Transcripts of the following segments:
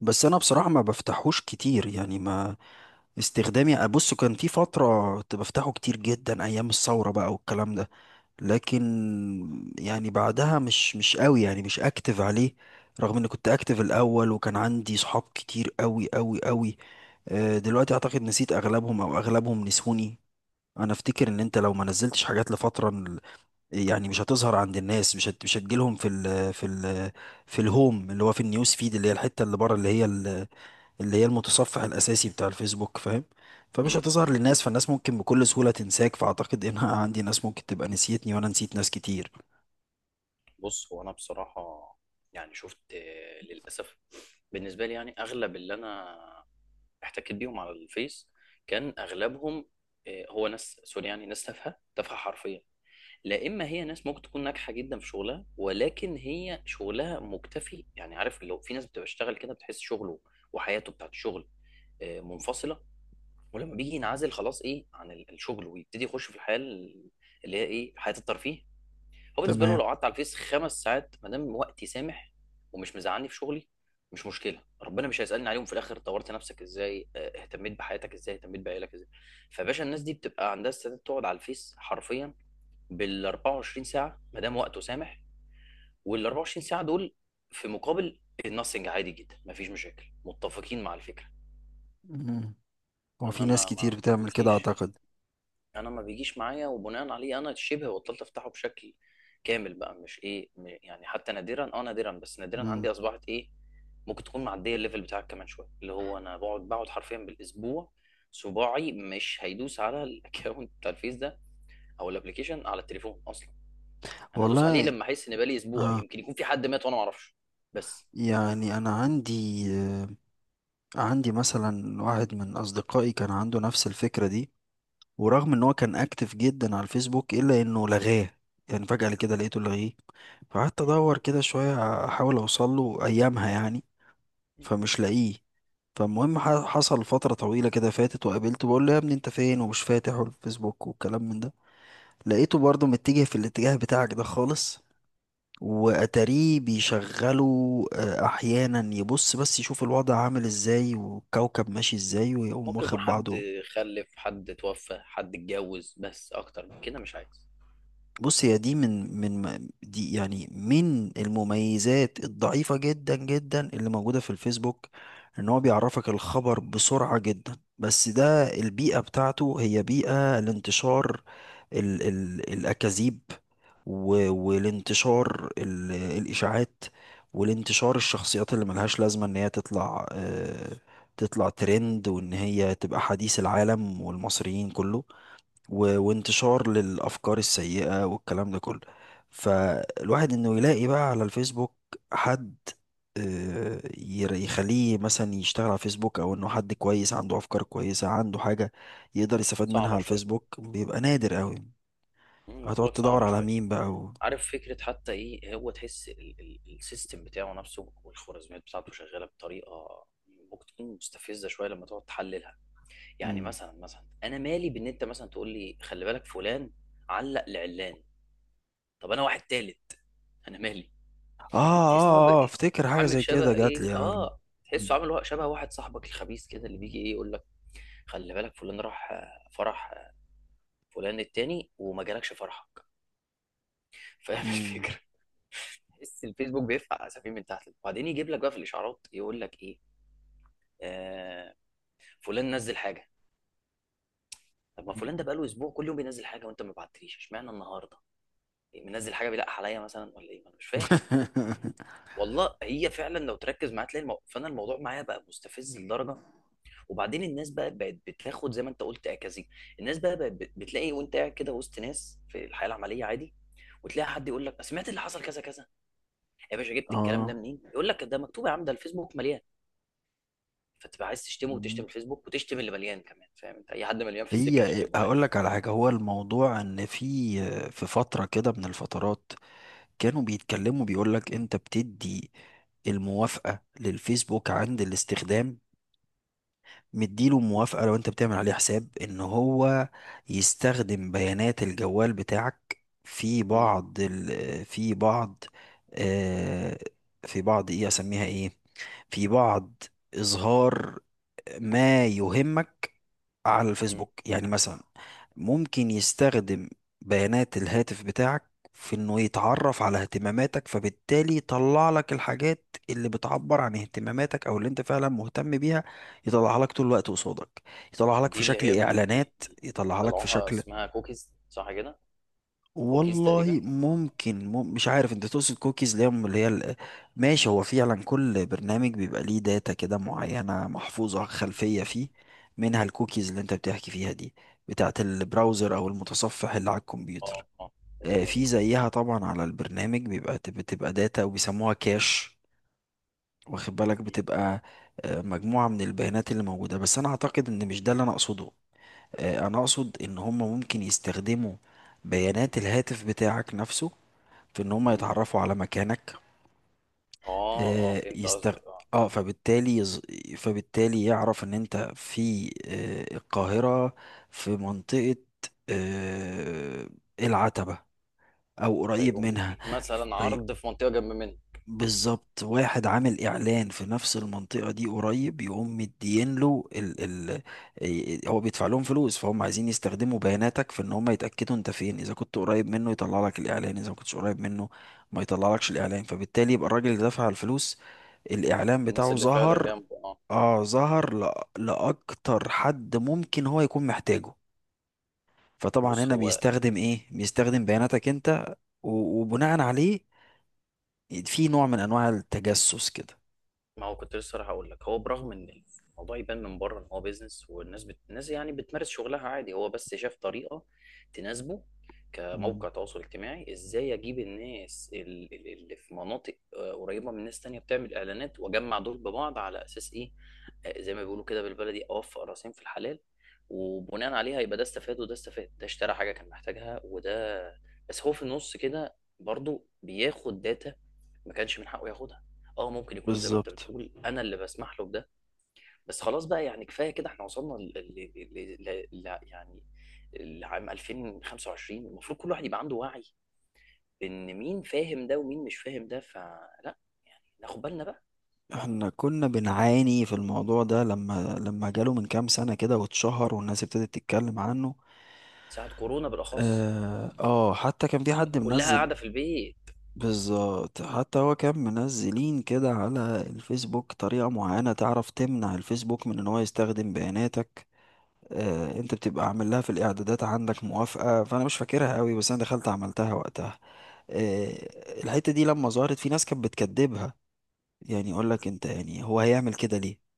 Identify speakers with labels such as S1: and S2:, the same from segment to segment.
S1: بس انا بصراحه ما بفتحوش كتير، يعني ما استخدامي. ابص كان في فتره كنت بفتحه كتير جدا ايام الثوره بقى والكلام ده، لكن يعني بعدها مش قوي، يعني مش اكتف عليه، رغم اني كنت اكتف الاول وكان عندي صحاب كتير قوي قوي قوي. آه، دلوقتي اعتقد نسيت اغلبهم او اغلبهم نسوني. انا افتكر ان انت لو ما نزلتش حاجات لفتره يعني مش هتظهر عند الناس، مش هتجيلهم في ال في ال في الهوم اللي هو في النيوز فيد، اللي هي الحته اللي بره، اللي هي المتصفح الاساسي بتاع الفيسبوك، فاهم؟ فمش
S2: مم.
S1: هتظهر
S2: مم.
S1: للناس، فالناس ممكن بكل سهولة تنساك، فاعتقد ان انا عندي ناس ممكن تبقى نسيتني وانا نسيت ناس كتير.
S2: بص، هو انا بصراحه يعني شفت، للاسف. بالنسبه لي يعني اغلب اللي انا احتكيت بيهم على الفيس كان اغلبهم هو ناس سوري، يعني ناس تافهه تافهه حرفيا. لا، اما هي ناس ممكن تكون ناجحه جدا في شغلها، ولكن هي شغلها مكتفي. يعني عارف، لو في ناس بتشتغل كده بتحس شغله وحياته بتاعت الشغل منفصله. ولما بيجي ينعزل خلاص، ايه، عن الشغل ويبتدي يخش في الحياه اللي هي ايه حياه الترفيه. هو بالنسبه له
S1: تمام.
S2: لو قعدت على الفيس 5 ساعات ما دام وقتي سامح ومش مزعلني في شغلي، مش مشكله. ربنا مش هيسالني عليهم في الاخر، طورت نفسك ازاي، اهتميت بحياتك ازاي، اهتميت بعيالك ازاي. فباشا الناس دي بتبقى عندها استعداد تقعد على الفيس حرفيا بال 24 ساعه ما دام وقته سامح، وال 24 ساعه دول في مقابل النصنج عادي جدا، مفيش مشاكل، متفقين مع الفكره.
S1: مم. هو
S2: انا
S1: في ناس
S2: ما
S1: كتير
S2: ما ما
S1: بتعمل كده
S2: تجيش،
S1: اعتقد.
S2: يعني انا ما بيجيش معايا، وبناء عليه انا شبه بطلت افتحه بشكل كامل بقى. مش ايه يعني حتى نادرا، نادرا، بس نادرا
S1: مم.
S2: عندي اصبحت ايه ممكن تكون معديه الليفل بتاعك كمان شويه. اللي هو انا بقعد حرفيا بالاسبوع صباعي مش هيدوس على الاكونت بتاع الفيس ده او الابلكيشن على التليفون اصلا. انا هدوس عليه
S1: والله.
S2: لما احس ان بقالي اسبوع
S1: اه،
S2: يمكن يكون في حد مات وانا ما اعرفش. بس
S1: يعني انا عندي آه، عندي مثلا واحد من اصدقائي كان عنده نفس الفكرة دي، ورغم ان هو كان اكتف جدا على الفيسبوك الا انه لغاه. يعني فجأة كده لقيته لغيه، فقعدت ادور كده شوية احاول اوصل له ايامها يعني، فمش لاقيه. فالمهم حصل فترة طويلة كده فاتت وقابلته بقول له يا ابني انت فين ومش فاتح الفيسبوك والكلام من ده. لقيته برضه متجه في الاتجاه بتاعك ده خالص، واتاريه بيشغله آه، احيانا يبص بس يشوف الوضع عامل ازاي والكوكب ماشي ازاي ويقوم
S2: ممكن يكون
S1: واخد
S2: حد
S1: بعضه.
S2: خلف، حد توفى، حد اتجوز، بس اكتر من كده مش عايز.
S1: بص، هي دي دي يعني من المميزات الضعيفة جدا جدا اللي موجودة في الفيسبوك، ان هو بيعرفك الخبر بسرعة جدا، بس ده البيئة بتاعته هي بيئة لانتشار ال ال الأكاذيب، والانتشار الإشاعات، والانتشار الشخصيات اللي ملهاش لازمة ان هي تطلع، آه، تطلع ترند وان هي تبقى حديث العالم والمصريين كله، وانتشار للأفكار السيئة والكلام ده كله. فالواحد إنه يلاقي بقى على الفيسبوك حد آه، يخليه مثلا يشتغل على فيسبوك، أو إنه حد كويس عنده أفكار كويسة عنده حاجة يقدر يستفاد منها على
S2: صعبه شويه،
S1: الفيسبوك، بيبقى نادر قوي.
S2: انا بقول
S1: هتقعد
S2: لك
S1: تدور
S2: صعبه
S1: على
S2: شويه.
S1: مين بقى و...
S2: عارف فكرة حتى ايه، هو تحس السيستم بتاعه نفسه والخوارزميات بتاعته شغالة بطريقة ممكن تكون مستفزة شوية لما تقعد تحللها. يعني
S1: مم.
S2: مثلا انا مالي بان انت مثلا تقول لي خلي بالك فلان علق لعلان. طب انا واحد تالت، انا مالي.
S1: آه
S2: تحس ان هو
S1: آه آه أفتكر حاجة
S2: عامل
S1: زي كده
S2: شبه
S1: جات لي
S2: ايه،
S1: يعني.
S2: تحسه
S1: مم.
S2: عامل شبه واحد صاحبك الخبيث كده اللي بيجي ايه يقول لك خلي بالك فلان راح فرح، فلان التاني وما جالكش فرحك، فاهم
S1: مم.
S2: الفكرة. تحس الفيسبوك بيرفع اسفين من تحت، وبعدين يجيب لك بقى في الاشعارات يقول لك ايه، آه فلان نزل حاجه. طب ما فلان ده بقاله اسبوع كل يوم بينزل حاجه وانت ما بعتليش، اشمعنى النهارده إيه، منزل حاجه بيلقح عليا مثلا ولا ايه، انا مش فاهم. والله هي فعلا، لو تركز معايا تلاقي فانا الموضوع معايا بقى مستفز لدرجه. وبعدين الناس بقى بقت بتاخد زي ما انت قلت اكاذيب. الناس بقى بقت بتلاقي وانت قاعد كده وسط ناس في الحياه العمليه عادي، وتلاقي حد يقول لك سمعت اللي حصل كذا كذا. يا باشا جبت الكلام ده
S1: آه.
S2: منين؟ يقول لك ده مكتوب يا عم، ده الفيسبوك مليان. فتبقى عايز تشتمه وتشتم الفيسبوك وتشتم اللي مليان كمان، فاهم انت؟ اي حد مليان في السكه
S1: هي
S2: هشتمه
S1: هقول
S2: عادي.
S1: لك على حاجة. هو الموضوع ان في آه، في فترة كده من الفترات كانوا بيتكلموا، بيقول لك انت بتدي الموافقة للفيسبوك عند الاستخدام، مديله موافقة لو انت بتعمل عليه حساب ان هو يستخدم بيانات الجوال بتاعك في
S2: مم.
S1: بعض ال في بعض آه في بعض ايه اسميها ايه، في بعض اظهار ما يهمك على
S2: مم.
S1: الفيسبوك. يعني مثلا ممكن يستخدم بيانات الهاتف بتاعك في انه يتعرف على اهتماماتك، فبالتالي يطلع لك الحاجات اللي بتعبر عن اهتماماتك او اللي انت فعلا مهتم بيها، يطلعها لك طول الوقت قصادك، يطلعها لك في
S2: دي اللي هي
S1: شكل اعلانات، يطلعها لك في
S2: بيطلعوها
S1: شكل...
S2: اسمها كوكيز، صح كده؟ كوكيز تقريبا.
S1: والله ممكن، مش عارف انت تقصد كوكيز اللي هي ال-. ماشي، هو فعلا كل برنامج بيبقى ليه داتا كده معينة محفوظة خلفية فيه، منها الكوكيز اللي انت بتحكي فيها دي، بتاعت البراوزر او المتصفح اللي على الكمبيوتر.
S2: اه، اه،
S1: آه،
S2: هي دي.
S1: في زيها طبعا على البرنامج بيبقى داتا وبيسموها كاش، واخد بالك؟
S2: مم.
S1: بتبقى آه، مجموعة من البيانات اللي موجودة، بس انا اعتقد ان مش ده اللي انا اقصده. آه، انا اقصد ان هم ممكن يستخدموا بيانات الهاتف بتاعك نفسه في ان هم
S2: مم.
S1: يتعرفوا على مكانك.
S2: اه اه،
S1: آه
S2: فهمت
S1: يستغ...
S2: قصدك، اه.
S1: اه فبالتالي فبالتالي يعرف ان انت في آه القاهرة، في منطقة آه العتبة، او قريب
S2: فيقوم
S1: منها.
S2: مديك مثلا عرض في منطقه جنب منه.
S1: بالظبط، واحد عامل اعلان في نفس المنطقه دي قريب، يقوم مدين له ال ال إيه، هو بيدفع لهم فلوس، فهم عايزين يستخدموا بياناتك في ان هم يتاكدوا انت فين، اذا كنت قريب منه يطلع لك الاعلان، اذا ما كنتش قريب منه ما يطلع لكش الاعلان، فبالتالي يبقى الراجل اللي دفع الفلوس الاعلان
S2: الناس
S1: بتاعه
S2: اللي فعلا
S1: ظهر.
S2: جنبه، اه.
S1: اه، ظهر لاكتر حد ممكن هو يكون محتاجه. فطبعا
S2: بص
S1: هنا
S2: هو،
S1: بيستخدم ايه، بيستخدم بياناتك انت، وبناء عليه في نوع من انواع التجسس كده.
S2: ما هو كنت لسه راح اقول لك، هو برغم ان الموضوع يبان من بره ان هو بيزنس والناس الناس يعني بتمارس شغلها عادي، هو بس شاف طريقه تناسبه
S1: مم.
S2: كموقع تواصل اجتماعي. ازاي اجيب الناس اللي في مناطق قريبه من ناس تانية بتعمل اعلانات، واجمع دول ببعض على اساس ايه، زي ما بيقولوا كده بالبلدي، اوفق راسين في الحلال. وبناء عليها يبقى ده استفاد وده استفاد، ده اشترى حاجه كان محتاجها، وده بس هو في النص كده برضو بياخد داتا ما كانش من حقه ياخدها. اه ممكن يكون زي ما انت
S1: بالظبط.
S2: بتقول، انا اللي بسمح له بده. بس خلاص بقى، يعني كفايه كده. احنا وصلنا يعني لعام 2025، المفروض كل واحد يبقى عنده وعي بان مين فاهم ده ومين مش فاهم ده، فلا يعني ناخد بالنا بقى.
S1: احنا كنا بنعاني في الموضوع ده، لما جاله من كام سنة كده واتشهر والناس ابتدت تتكلم عنه.
S2: ساعة كورونا بالاخص،
S1: اه، آه، حتى كان في حد
S2: كلها
S1: منزل.
S2: قاعده في البيت.
S1: بالظبط، حتى هو كان منزلين كده على الفيسبوك طريقة معينة تعرف تمنع الفيسبوك من ان هو يستخدم بياناتك. آه، انت بتبقى عامل لها في الاعدادات عندك موافقة، فانا مش فاكرها قوي بس انا دخلت عملتها وقتها. آه، الحتة دي لما ظهرت في ناس كانت بتكدبها، يعني يقول لك انت، يعني هو هيعمل كده ليه؟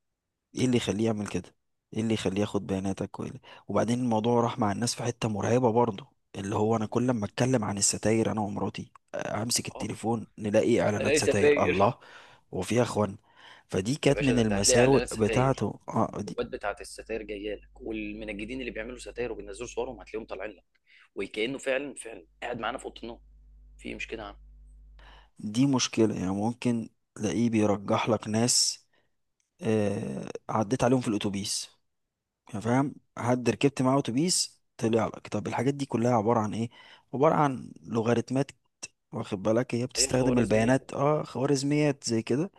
S1: ايه اللي يخليه يعمل كده؟ ايه اللي يخليه ياخد بياناتك؟ وبعدين الموضوع راح مع الناس في حتة مرعبة برضه، اللي هو انا كل ما اتكلم عن الستاير انا ومراتي آه، امسك
S2: اه،
S1: التليفون نلاقي اعلانات
S2: ليس.
S1: ستاير. الله! وفيها اخوان. فدي
S2: يا
S1: كانت
S2: باشا
S1: من
S2: ده انت هتلاقي
S1: المساوئ
S2: اعلانات ستاير،
S1: بتاعته اه
S2: والجروبات بتاعت الستاير جايه لك، والمنجدين اللي بيعملوا ستاير وبينزلوا صورهم هتلاقيهم طالعين لك، وكانه فعلا فعلا قاعد معانا في اوضه النوم في إيه، مش كده يا عم؟
S1: دي مشكلة. يعني ممكن تلاقيه بيرجح لك ناس آه عديت عليهم في الاتوبيس. يعني
S2: مم.
S1: فاهم؟ حد ركبت معاه اتوبيس طلع لك. طب الحاجات دي كلها عبارة عن ايه؟ عبارة عن لوغاريتمات، واخد بالك؟ هي
S2: ايه
S1: بتستخدم البيانات،
S2: الخوارزميات؟
S1: اه خوارزميات زي كده.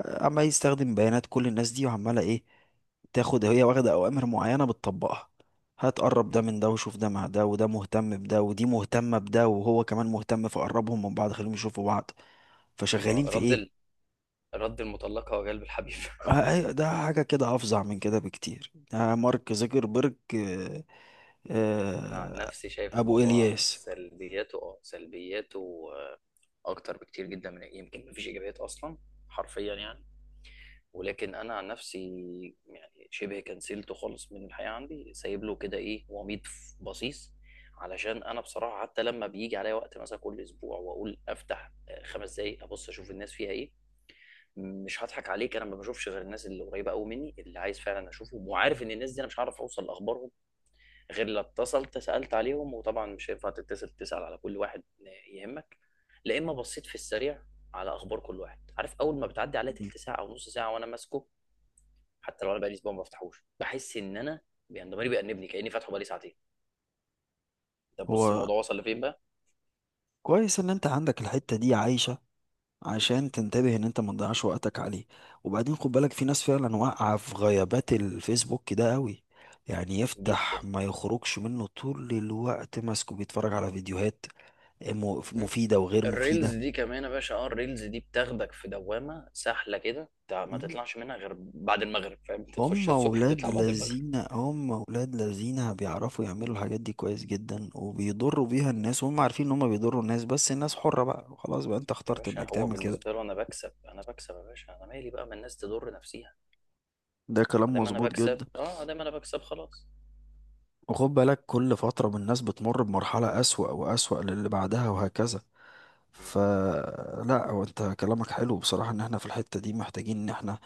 S1: آه، عمال يستخدم بيانات كل الناس دي وعمالة ايه، تاخد هي واخدة أوامر معينة بتطبقها، هتقرب ده
S2: مم.
S1: من ده وشوف ده مع ده، وده مهتم بده ودي مهتمة بده وهو كمان مهتم، فقربهم من بعض خليهم يشوفوا بعض.
S2: اه،
S1: فشغالين في ايه.
S2: رد المطلقه وجلب الحبيب.
S1: آه، أيوة، ده حاجة كده أفظع من كده بكتير. ده مارك زوكربيرج آه،
S2: انا عن
S1: آه،
S2: نفسي شايف
S1: أبو
S2: الموضوع
S1: إلياس.
S2: سلبياته، اه سلبياته، اكتر بكتير جدا من إيه، يمكن مفيش ايجابيات اصلا، حرفيا يعني. ولكن انا عن نفسي يعني شبه كنسلته خالص من الحياه عندي، سايب له كده ايه وميض، بصيص. علشان انا بصراحه حتى لما بيجي عليا وقت مثلا كل اسبوع واقول افتح 5 دقايق ابص اشوف الناس فيها ايه، مش هضحك عليك، انا ما بشوفش غير الناس اللي قريبه قوي مني اللي عايز فعلا اشوفهم، وعارف ان الناس دي انا مش هعرف اوصل لاخبارهم غير لو اتصلت سالت عليهم. وطبعا مش هينفع تتصل تسال على كل واحد يهمك. لا اما بصيت في السريع على اخبار كل واحد، عارف اول ما بتعدي عليا
S1: مم.
S2: تلت ساعه او نص ساعه وانا ماسكه. حتى لو انا بقالي اسبوع ما بفتحوش، بحس ان انا يعني ضميري بيأنبني كأني فاتحه بقالي ساعتين. طب بص
S1: هو
S2: الموضوع وصل لفين بقى.
S1: كويس إن أنت عندك الحتة دي عايشة عشان تنتبه ان انت ما تضيعش وقتك عليه. وبعدين خد بالك في ناس فعلا واقعة في غيابات الفيسبوك ده قوي، يعني يفتح
S2: جدا.
S1: ما يخرجش منه طول الوقت ماسكه بيتفرج على فيديوهات
S2: م?
S1: مفيدة وغير
S2: الريلز
S1: مفيدة.
S2: دي كمان يا باشا، اه الريلز دي بتاخدك في دوامه سهله كده، ما
S1: مم.
S2: تطلعش منها غير بعد المغرب، فاهم انت؟
S1: هم
S2: تخشها الصبح
S1: ولاد
S2: تطلع بعد المغرب.
S1: لذين هم ولاد لذين بيعرفوا يعملوا الحاجات دي كويس جدا وبيضروا بيها الناس، وهم عارفين ان هم بيضروا الناس، بس الناس حرة بقى، خلاص بقى انت
S2: يا
S1: اخترت
S2: باشا
S1: انك
S2: هو
S1: تعمل كده.
S2: بالنسبه له انا بكسب، انا بكسب، يا باشا انا مالي بقى، ما الناس تضر نفسيها
S1: ده
S2: ما
S1: كلام
S2: دام انا
S1: مظبوط
S2: بكسب،
S1: جدا.
S2: اه ما دام انا بكسب خلاص.
S1: وخد بالك كل فترة من الناس بتمر بمرحلة أسوأ وأسوأ للي بعدها وهكذا.
S2: م.
S1: فلا، هو انت كلامك حلو بصراحة، ان احنا في الحتة دي محتاجين ان احنا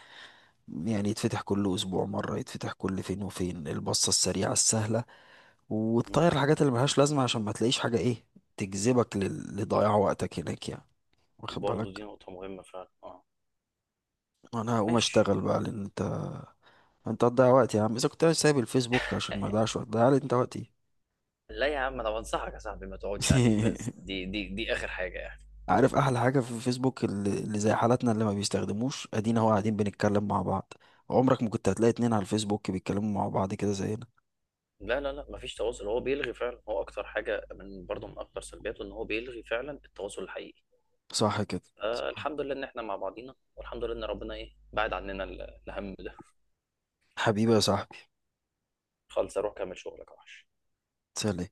S1: يعني يتفتح كل اسبوع مرة، يتفتح كل فين وفين البصة السريعة السهلة،
S2: م.
S1: وتطير الحاجات اللي ملهاش لازمة عشان ما تلاقيش حاجة ايه تجذبك لضياع وقتك هناك يعني، واخد
S2: وبرضه دي
S1: بالك.
S2: نقطه مهمه فعلا، اه.
S1: انا هقوم
S2: ماشي.
S1: اشتغل بقى لان انت، انت هتضيع وقتي يا عم، اذا كنت سايب الفيسبوك عشان ما اضيعش وقت، ضيع لي انت وقتي.
S2: لا يا عم، انا بنصحك يا صاحبي ما تقعدش عليه، بس دي اخر حاجه يعني.
S1: عارف احلى حاجه في فيسبوك اللي زي حالاتنا اللي ما بيستخدموش، ادينا هو قاعدين بنتكلم مع بعض. عمرك ما كنت هتلاقي اتنين على الفيسبوك بيتكلموا مع بعض كده زينا.
S2: لا لا لا، مفيش تواصل، هو بيلغي فعلا، هو اكتر حاجه من برضه من اكتر سلبياته، ان هو بيلغي فعلا التواصل الحقيقي.
S1: صح كده؟
S2: الحمد لله ان احنا مع بعضينا، والحمد لله ان ربنا ايه بعد عننا الهم ده.
S1: حبيبي يا صاحبي.
S2: خالص اروح اكمل شغلك يا وحش.
S1: سلام.